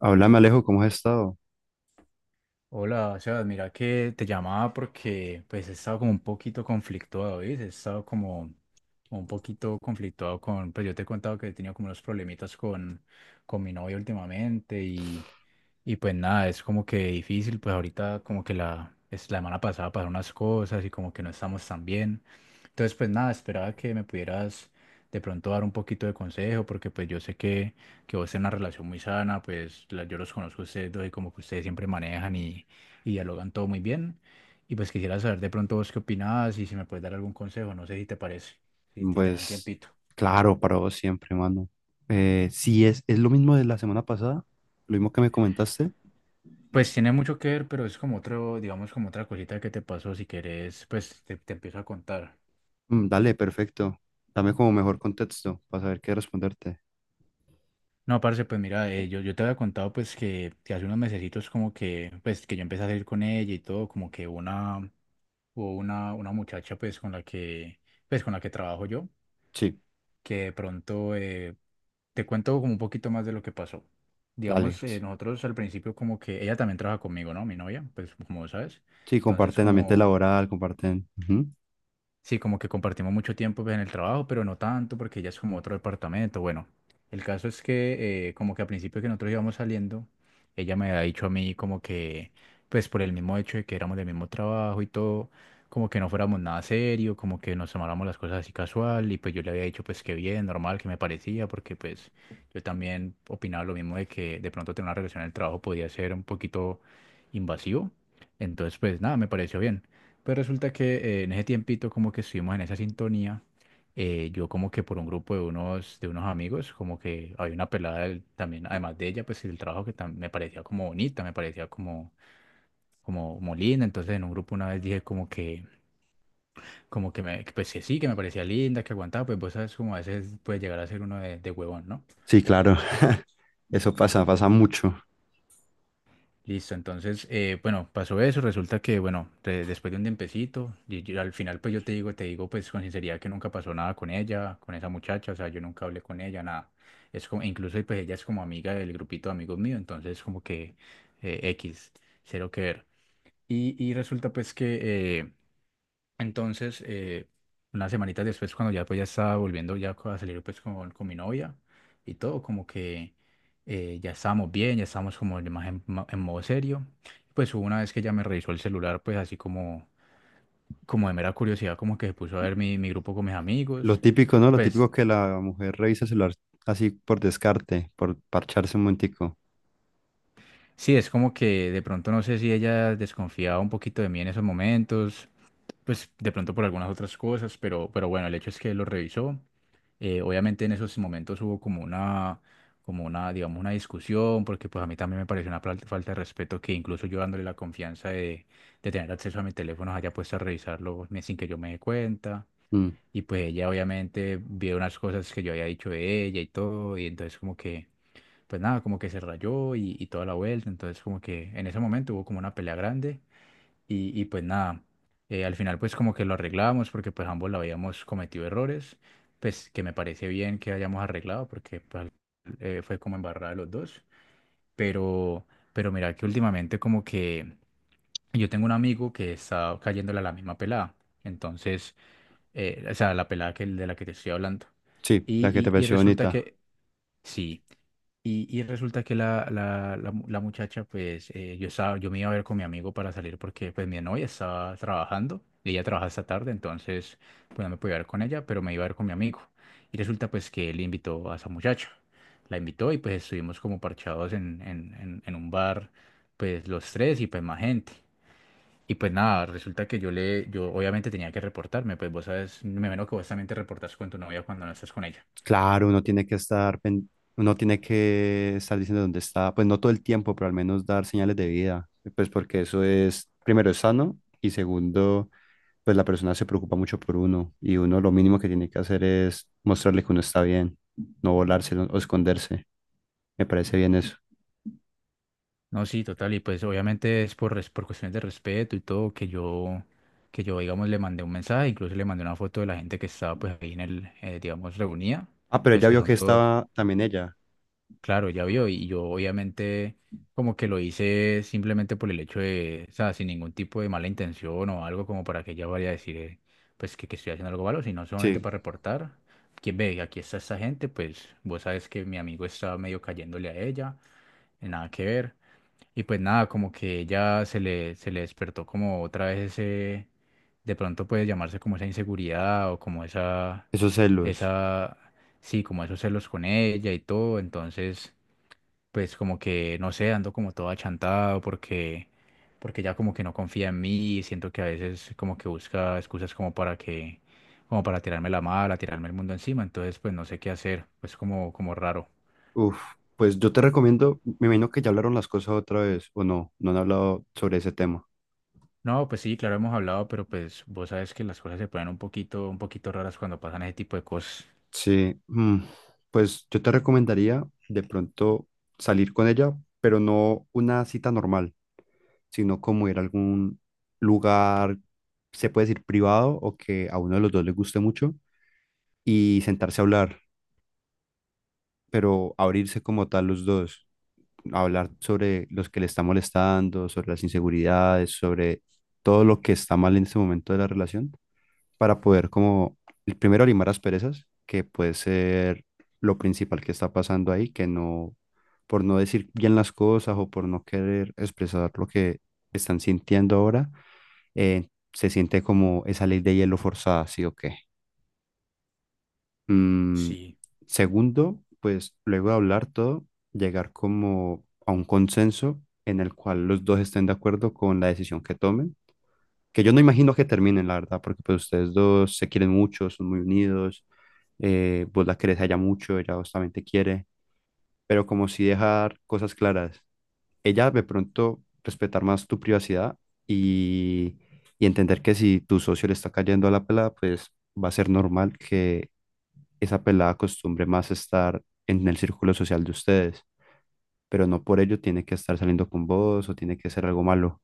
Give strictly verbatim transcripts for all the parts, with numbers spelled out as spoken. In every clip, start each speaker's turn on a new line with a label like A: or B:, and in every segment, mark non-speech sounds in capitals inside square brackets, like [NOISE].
A: Háblame, Alejo, ¿cómo has estado?
B: Hola, o sea, mira que te llamaba porque pues he estado como un poquito conflictuado, ¿ves? He estado como un poquito conflictuado con, pues yo te he contado que he tenido como unos problemitas con, con mi novia últimamente y, y pues nada, es como que difícil, pues ahorita como que la, es la semana pasada pasaron unas cosas y como que no estamos tan bien. Entonces pues nada, esperaba que me pudieras de pronto dar un poquito de consejo, porque pues yo sé que, que vos tenés una relación muy sana, pues la- yo los conozco a ustedes dos y como que ustedes siempre manejan y, y dialogan todo muy bien. Y pues quisiera saber de pronto vos qué opinás y si me puedes dar algún consejo, no sé si te parece, si, si tenés un
A: Pues
B: tiempito.
A: claro, para vos siempre, mano. Eh, si es, es lo mismo de la semana pasada, lo mismo que me comentaste.
B: Pues tiene mucho que ver, pero es como otro, digamos, como otra cosita que te pasó. Si querés, pues te, te empiezo a contar.
A: Mm, dale, perfecto. Dame como mejor contexto para saber qué responderte.
B: No, parce, pues mira, eh, yo, yo te había contado pues que, que hace unos mesecitos como que, pues que yo empecé a salir con ella y todo, como que una, hubo una, una muchacha pues con la que, pues con la que trabajo yo,
A: Sí,
B: que de pronto eh, te cuento como un poquito más de lo que pasó.
A: dale.
B: Digamos, eh, nosotros al principio como que ella también trabaja conmigo, ¿no? Mi novia, pues como sabes.
A: Sí,
B: Entonces
A: comparten ambiente
B: como
A: laboral, comparten. Ujú.
B: Sí, como que compartimos mucho tiempo pues, en el trabajo, pero no tanto porque ella es como otro departamento. Bueno, el caso es que eh, como que al principio que nosotros íbamos saliendo, ella me había dicho a mí como que, pues por el mismo hecho de que éramos del mismo trabajo y todo, como que no fuéramos nada serio, como que nos tomáramos las cosas así casual y pues yo le había dicho pues que bien, normal, que me parecía, porque pues yo también opinaba lo mismo de que de pronto tener una relación en el trabajo podía ser un poquito invasivo. Entonces pues nada, me pareció bien. Pues resulta que eh, en ese tiempito como que estuvimos en esa sintonía, eh, yo como que por un grupo de unos, de unos amigos, como que había una pelada del- también, además de ella, pues el trabajo que tam- me parecía como bonita, me parecía como, como, como linda, entonces en un grupo una vez dije como que, como que me, que pues que sí, que me parecía linda, que aguantaba, pues vos sabes como a veces puede llegar a ser uno de, de huevón, ¿no?
A: Sí, claro. [LAUGHS] Eso pasa, pasa mucho.
B: Listo, entonces, eh, bueno, pasó eso, resulta que, bueno, de- después de un tiempecito, y yo- al final pues yo te digo, te digo pues con sinceridad que nunca pasó nada con ella, con esa muchacha, o sea, yo nunca hablé con ella, nada. Es como, incluso pues ella es como amiga del grupito de amigos míos, entonces como que eh, X, cero que ver. Y, y resulta pues que... eh, entonces, eh, unas semanitas después, cuando ya, pues, ya estaba volviendo ya a salir pues, con, con mi novia y todo, como que eh, ya estábamos bien, ya estábamos como de más en, ma- en modo serio. Pues hubo una vez que ella me revisó el celular, pues así como, como de mera curiosidad, como que se puso a ver mi, mi grupo con mis
A: Lo
B: amigos.
A: típico, ¿no? Lo
B: Pues
A: típico que la mujer revisa el celular así por descarte, por parcharse un momentico.
B: sí, es como que de pronto no sé si ella desconfiaba un poquito de mí en esos momentos pues de pronto por algunas otras cosas, pero, pero bueno, el hecho es que lo revisó. Eh, obviamente en esos momentos hubo como una, como una, digamos, una discusión, porque pues a mí también me pareció una fal- falta de respeto que incluso yo dándole la confianza de, de tener acceso a mi teléfono haya puesto a revisarlo me- sin que yo me dé cuenta.
A: Mm.
B: Y pues ella obviamente vio unas cosas que yo había dicho de ella y todo, y entonces como que, pues nada, como que se rayó y, y toda la vuelta. Entonces como que en ese momento hubo como una pelea grande. Y, y pues nada, eh, al final pues como que lo arreglábamos porque pues ambos la habíamos cometido errores, pues que me parece bien que hayamos arreglado porque pues, eh, fue como embarrada de los dos, pero, pero mira que últimamente como que yo tengo un amigo que está cayéndole a la misma pelada, entonces, eh, o sea, la pelada que, de la que te estoy hablando,
A: Sí, la que te
B: y, y, y
A: pareció
B: resulta
A: bonita.
B: que sí. Y, y resulta que la, la, la mu- la muchacha, pues eh, yo estaba, yo me iba a ver con mi amigo para salir porque pues mi novia estaba trabajando y ella trabaja esta tarde, entonces pues no me podía ver con ella, pero me iba a ver con mi amigo. Y resulta pues que él invitó a esa muchacha, la invitó y pues estuvimos como parchados en, en, en, en un bar, pues los tres y pues más gente. Y pues nada, resulta que yo le, yo obviamente tenía que reportarme, pues vos sabes, me imagino que vos también te reportas con tu novia cuando no estás con ella.
A: Claro, uno tiene que estar, pen- uno tiene que estar diciendo dónde está, pues no todo el tiempo, pero al menos dar señales de vida, pues porque eso es, primero, es sano y, segundo, pues la persona se preocupa mucho por uno y uno lo mínimo que tiene que hacer es mostrarle que uno está bien, no volarse no- o esconderse. Me parece bien eso.
B: No, sí, total, y pues obviamente es por, res- por cuestiones de respeto y todo que yo, que yo, digamos, le mandé un mensaje, incluso le mandé una foto de la gente que estaba pues ahí en el, eh, digamos, reunida,
A: Ah, pero ella
B: pues que
A: vio que
B: son todos,
A: estaba también ella.
B: claro, ya vio, y yo obviamente como que lo hice simplemente por el hecho de, o sea, sin ningún tipo de mala intención o algo como para que ella vaya a decir, eh, pues que, que estoy haciendo algo malo, sino solamente
A: Sí,
B: para reportar, quien ve, aquí está esta gente, pues vos sabes que mi amigo estaba medio cayéndole a ella, nada que ver. Y pues nada, como que ella se le, se le despertó como otra vez ese, de pronto puede llamarse como esa inseguridad o como esa,
A: esos celos.
B: esa, sí, como esos celos con ella y todo. Entonces, pues como que, no sé, ando como todo achantado porque, porque ya como que no confía en mí y siento que a veces como que busca excusas como para que, como para tirarme la mala, tirarme el mundo encima. Entonces, pues no sé qué hacer, pues como, como raro.
A: Uf, pues yo te recomiendo, me imagino que ya hablaron las cosas otra vez o no, no han hablado sobre ese tema.
B: No, pues sí, claro, hemos hablado, pero pues vos sabes que las cosas se ponen un poquito, un poquito raras cuando pasan ese tipo de cosas.
A: Sí, mm, pues yo te recomendaría de pronto salir con ella, pero no una cita normal, sino como ir a algún lugar, se puede decir privado o que a uno de los dos le guste mucho, y sentarse a hablar, pero abrirse como tal los dos, hablar sobre los que le está molestando, sobre las inseguridades, sobre todo lo que está mal en este momento de la relación, para poder como, el primero, limar las perezas que puede ser lo principal que está pasando ahí, que no, por no decir bien las cosas o por no querer expresar lo que están sintiendo ahora, eh, se siente como esa ley de hielo forzada, ¿sí o qué? Mm.
B: Sí,
A: Segundo, pues luego de hablar todo, llegar como a un consenso en el cual los dos estén de acuerdo con la decisión que tomen, que yo no imagino que terminen, la verdad, porque pues ustedes dos se quieren mucho, son muy unidos, eh, vos la querés a ella mucho, ella vos también te quiere, pero como si dejar cosas claras, ella de pronto respetar más tu privacidad y, y entender que si tu socio le está cayendo a la pelada, pues va a ser normal que esa pelada acostumbre más estar en el círculo social de ustedes, pero no por ello tiene que estar saliendo con vos o tiene que ser algo malo.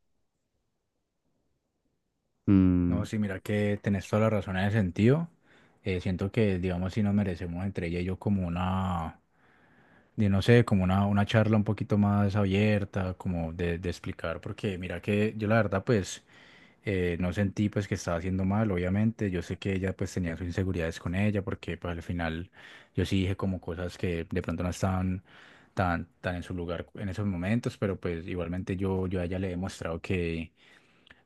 A: Mm.
B: no, sí, mira que tenés toda la razón en ese sentido. Eh, siento que, digamos, si nos merecemos entre ella y yo como una, de no sé, como una, una charla un poquito más abierta, como de, de explicar, porque mira que yo la verdad, pues. Eh, no sentí pues que estaba haciendo mal, obviamente. Yo sé que ella pues tenía sus inseguridades con ella porque pues al final yo sí dije como cosas que de pronto no estaban tan, tan en su lugar en esos momentos, pero pues igualmente yo, yo a ella le he demostrado que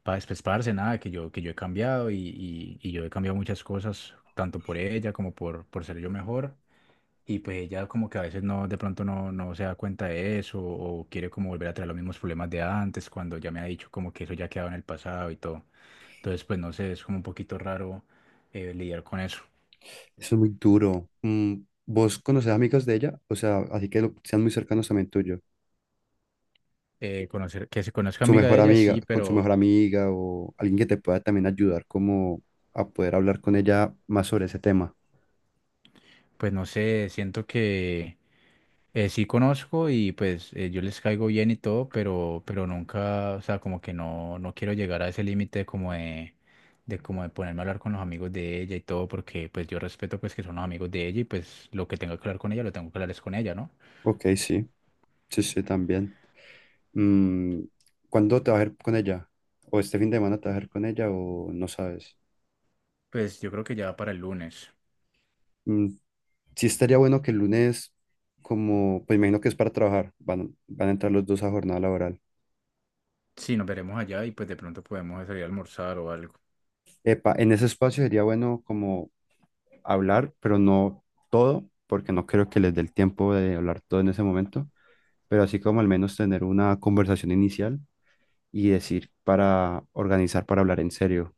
B: para despesparse nada, que yo, que yo he cambiado y, y, y yo he cambiado muchas cosas, tanto por ella como por, por ser yo mejor. Y pues ella como que a veces no, de pronto no, no se da cuenta de eso o quiere como volver a traer los mismos problemas de antes cuando ya me ha dicho como que eso ya ha quedado en el pasado y todo. Entonces, pues no sé, es como un poquito raro eh, lidiar con eso.
A: Eso es muy duro. Mm. ¿Vos conoces amigos de ella? O sea, así que lo- sean muy cercanos también tuyo.
B: Eh, conocer, que se conozca
A: Su
B: amiga de
A: mejor
B: ella,
A: amiga,
B: sí,
A: con su
B: pero
A: mejor amiga o alguien que te pueda también ayudar como a poder hablar con ella más sobre ese tema.
B: pues no sé, siento que eh, sí conozco y pues eh, yo les caigo bien y todo, pero, pero nunca, o sea, como que no, no quiero llegar a ese límite como de, de como de ponerme a hablar con los amigos de ella y todo, porque pues yo respeto pues que son los amigos de ella y pues lo que tenga que hablar con ella, lo tengo que hablar es con ella, ¿no?
A: Ok, sí, sí, sí, también. Mm. ¿Cuándo te vas a ir con ella? ¿O este fin de semana te vas a ir con ella o no sabes?
B: Pues yo creo que ya para el lunes.
A: Mm, sí estaría bueno que el lunes, como, pues imagino que es para trabajar, van, van a entrar los dos a jornada laboral.
B: Sí, nos veremos allá y pues de pronto podemos salir a almorzar o algo.
A: Epa, en ese espacio sería bueno como hablar, pero no todo, porque no creo que les dé el tiempo de hablar todo en ese momento, pero así como al menos tener una conversación inicial y decir para organizar para hablar en serio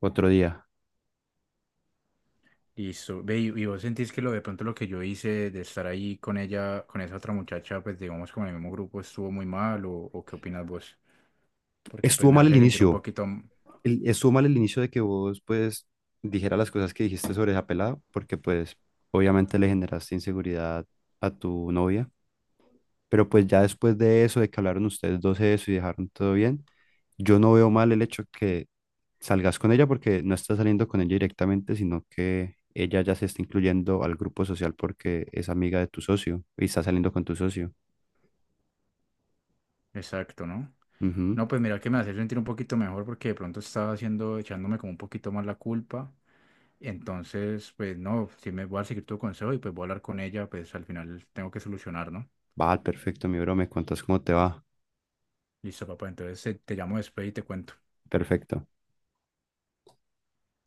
A: otro día.
B: Listo. Ve, y, y vos sentís que lo de pronto lo que yo hice de estar ahí con ella, con esa otra muchacha, pues digamos como en el mismo grupo estuvo muy mal o, o qué opinas vos? Porque pues
A: Estuvo
B: me
A: mal el
B: hace sentir un
A: inicio,
B: poquito m-
A: el- estuvo mal el inicio de que vos pues dijeras las cosas que dijiste sobre esa pelada, porque pues obviamente le generaste inseguridad a tu novia. Pero pues ya después de eso, de que hablaron ustedes dos de eso y dejaron todo bien, yo no veo mal el hecho que salgas con ella, porque no estás saliendo con ella directamente, sino que ella ya se está incluyendo al grupo social porque es amiga de tu socio y está saliendo con tu socio.
B: exacto, ¿no?
A: Ujú.
B: No, pues mira que me hace sentir un poquito mejor porque de pronto estaba haciendo, echándome como un poquito más la culpa. Entonces, pues no, si me voy a seguir tu consejo y pues voy a hablar con ella, pues al final tengo que solucionar, ¿no?
A: Va, perfecto, mi bro, me cuentas cómo te va.
B: Listo, papá. Entonces eh, te llamo después y te cuento.
A: Perfecto.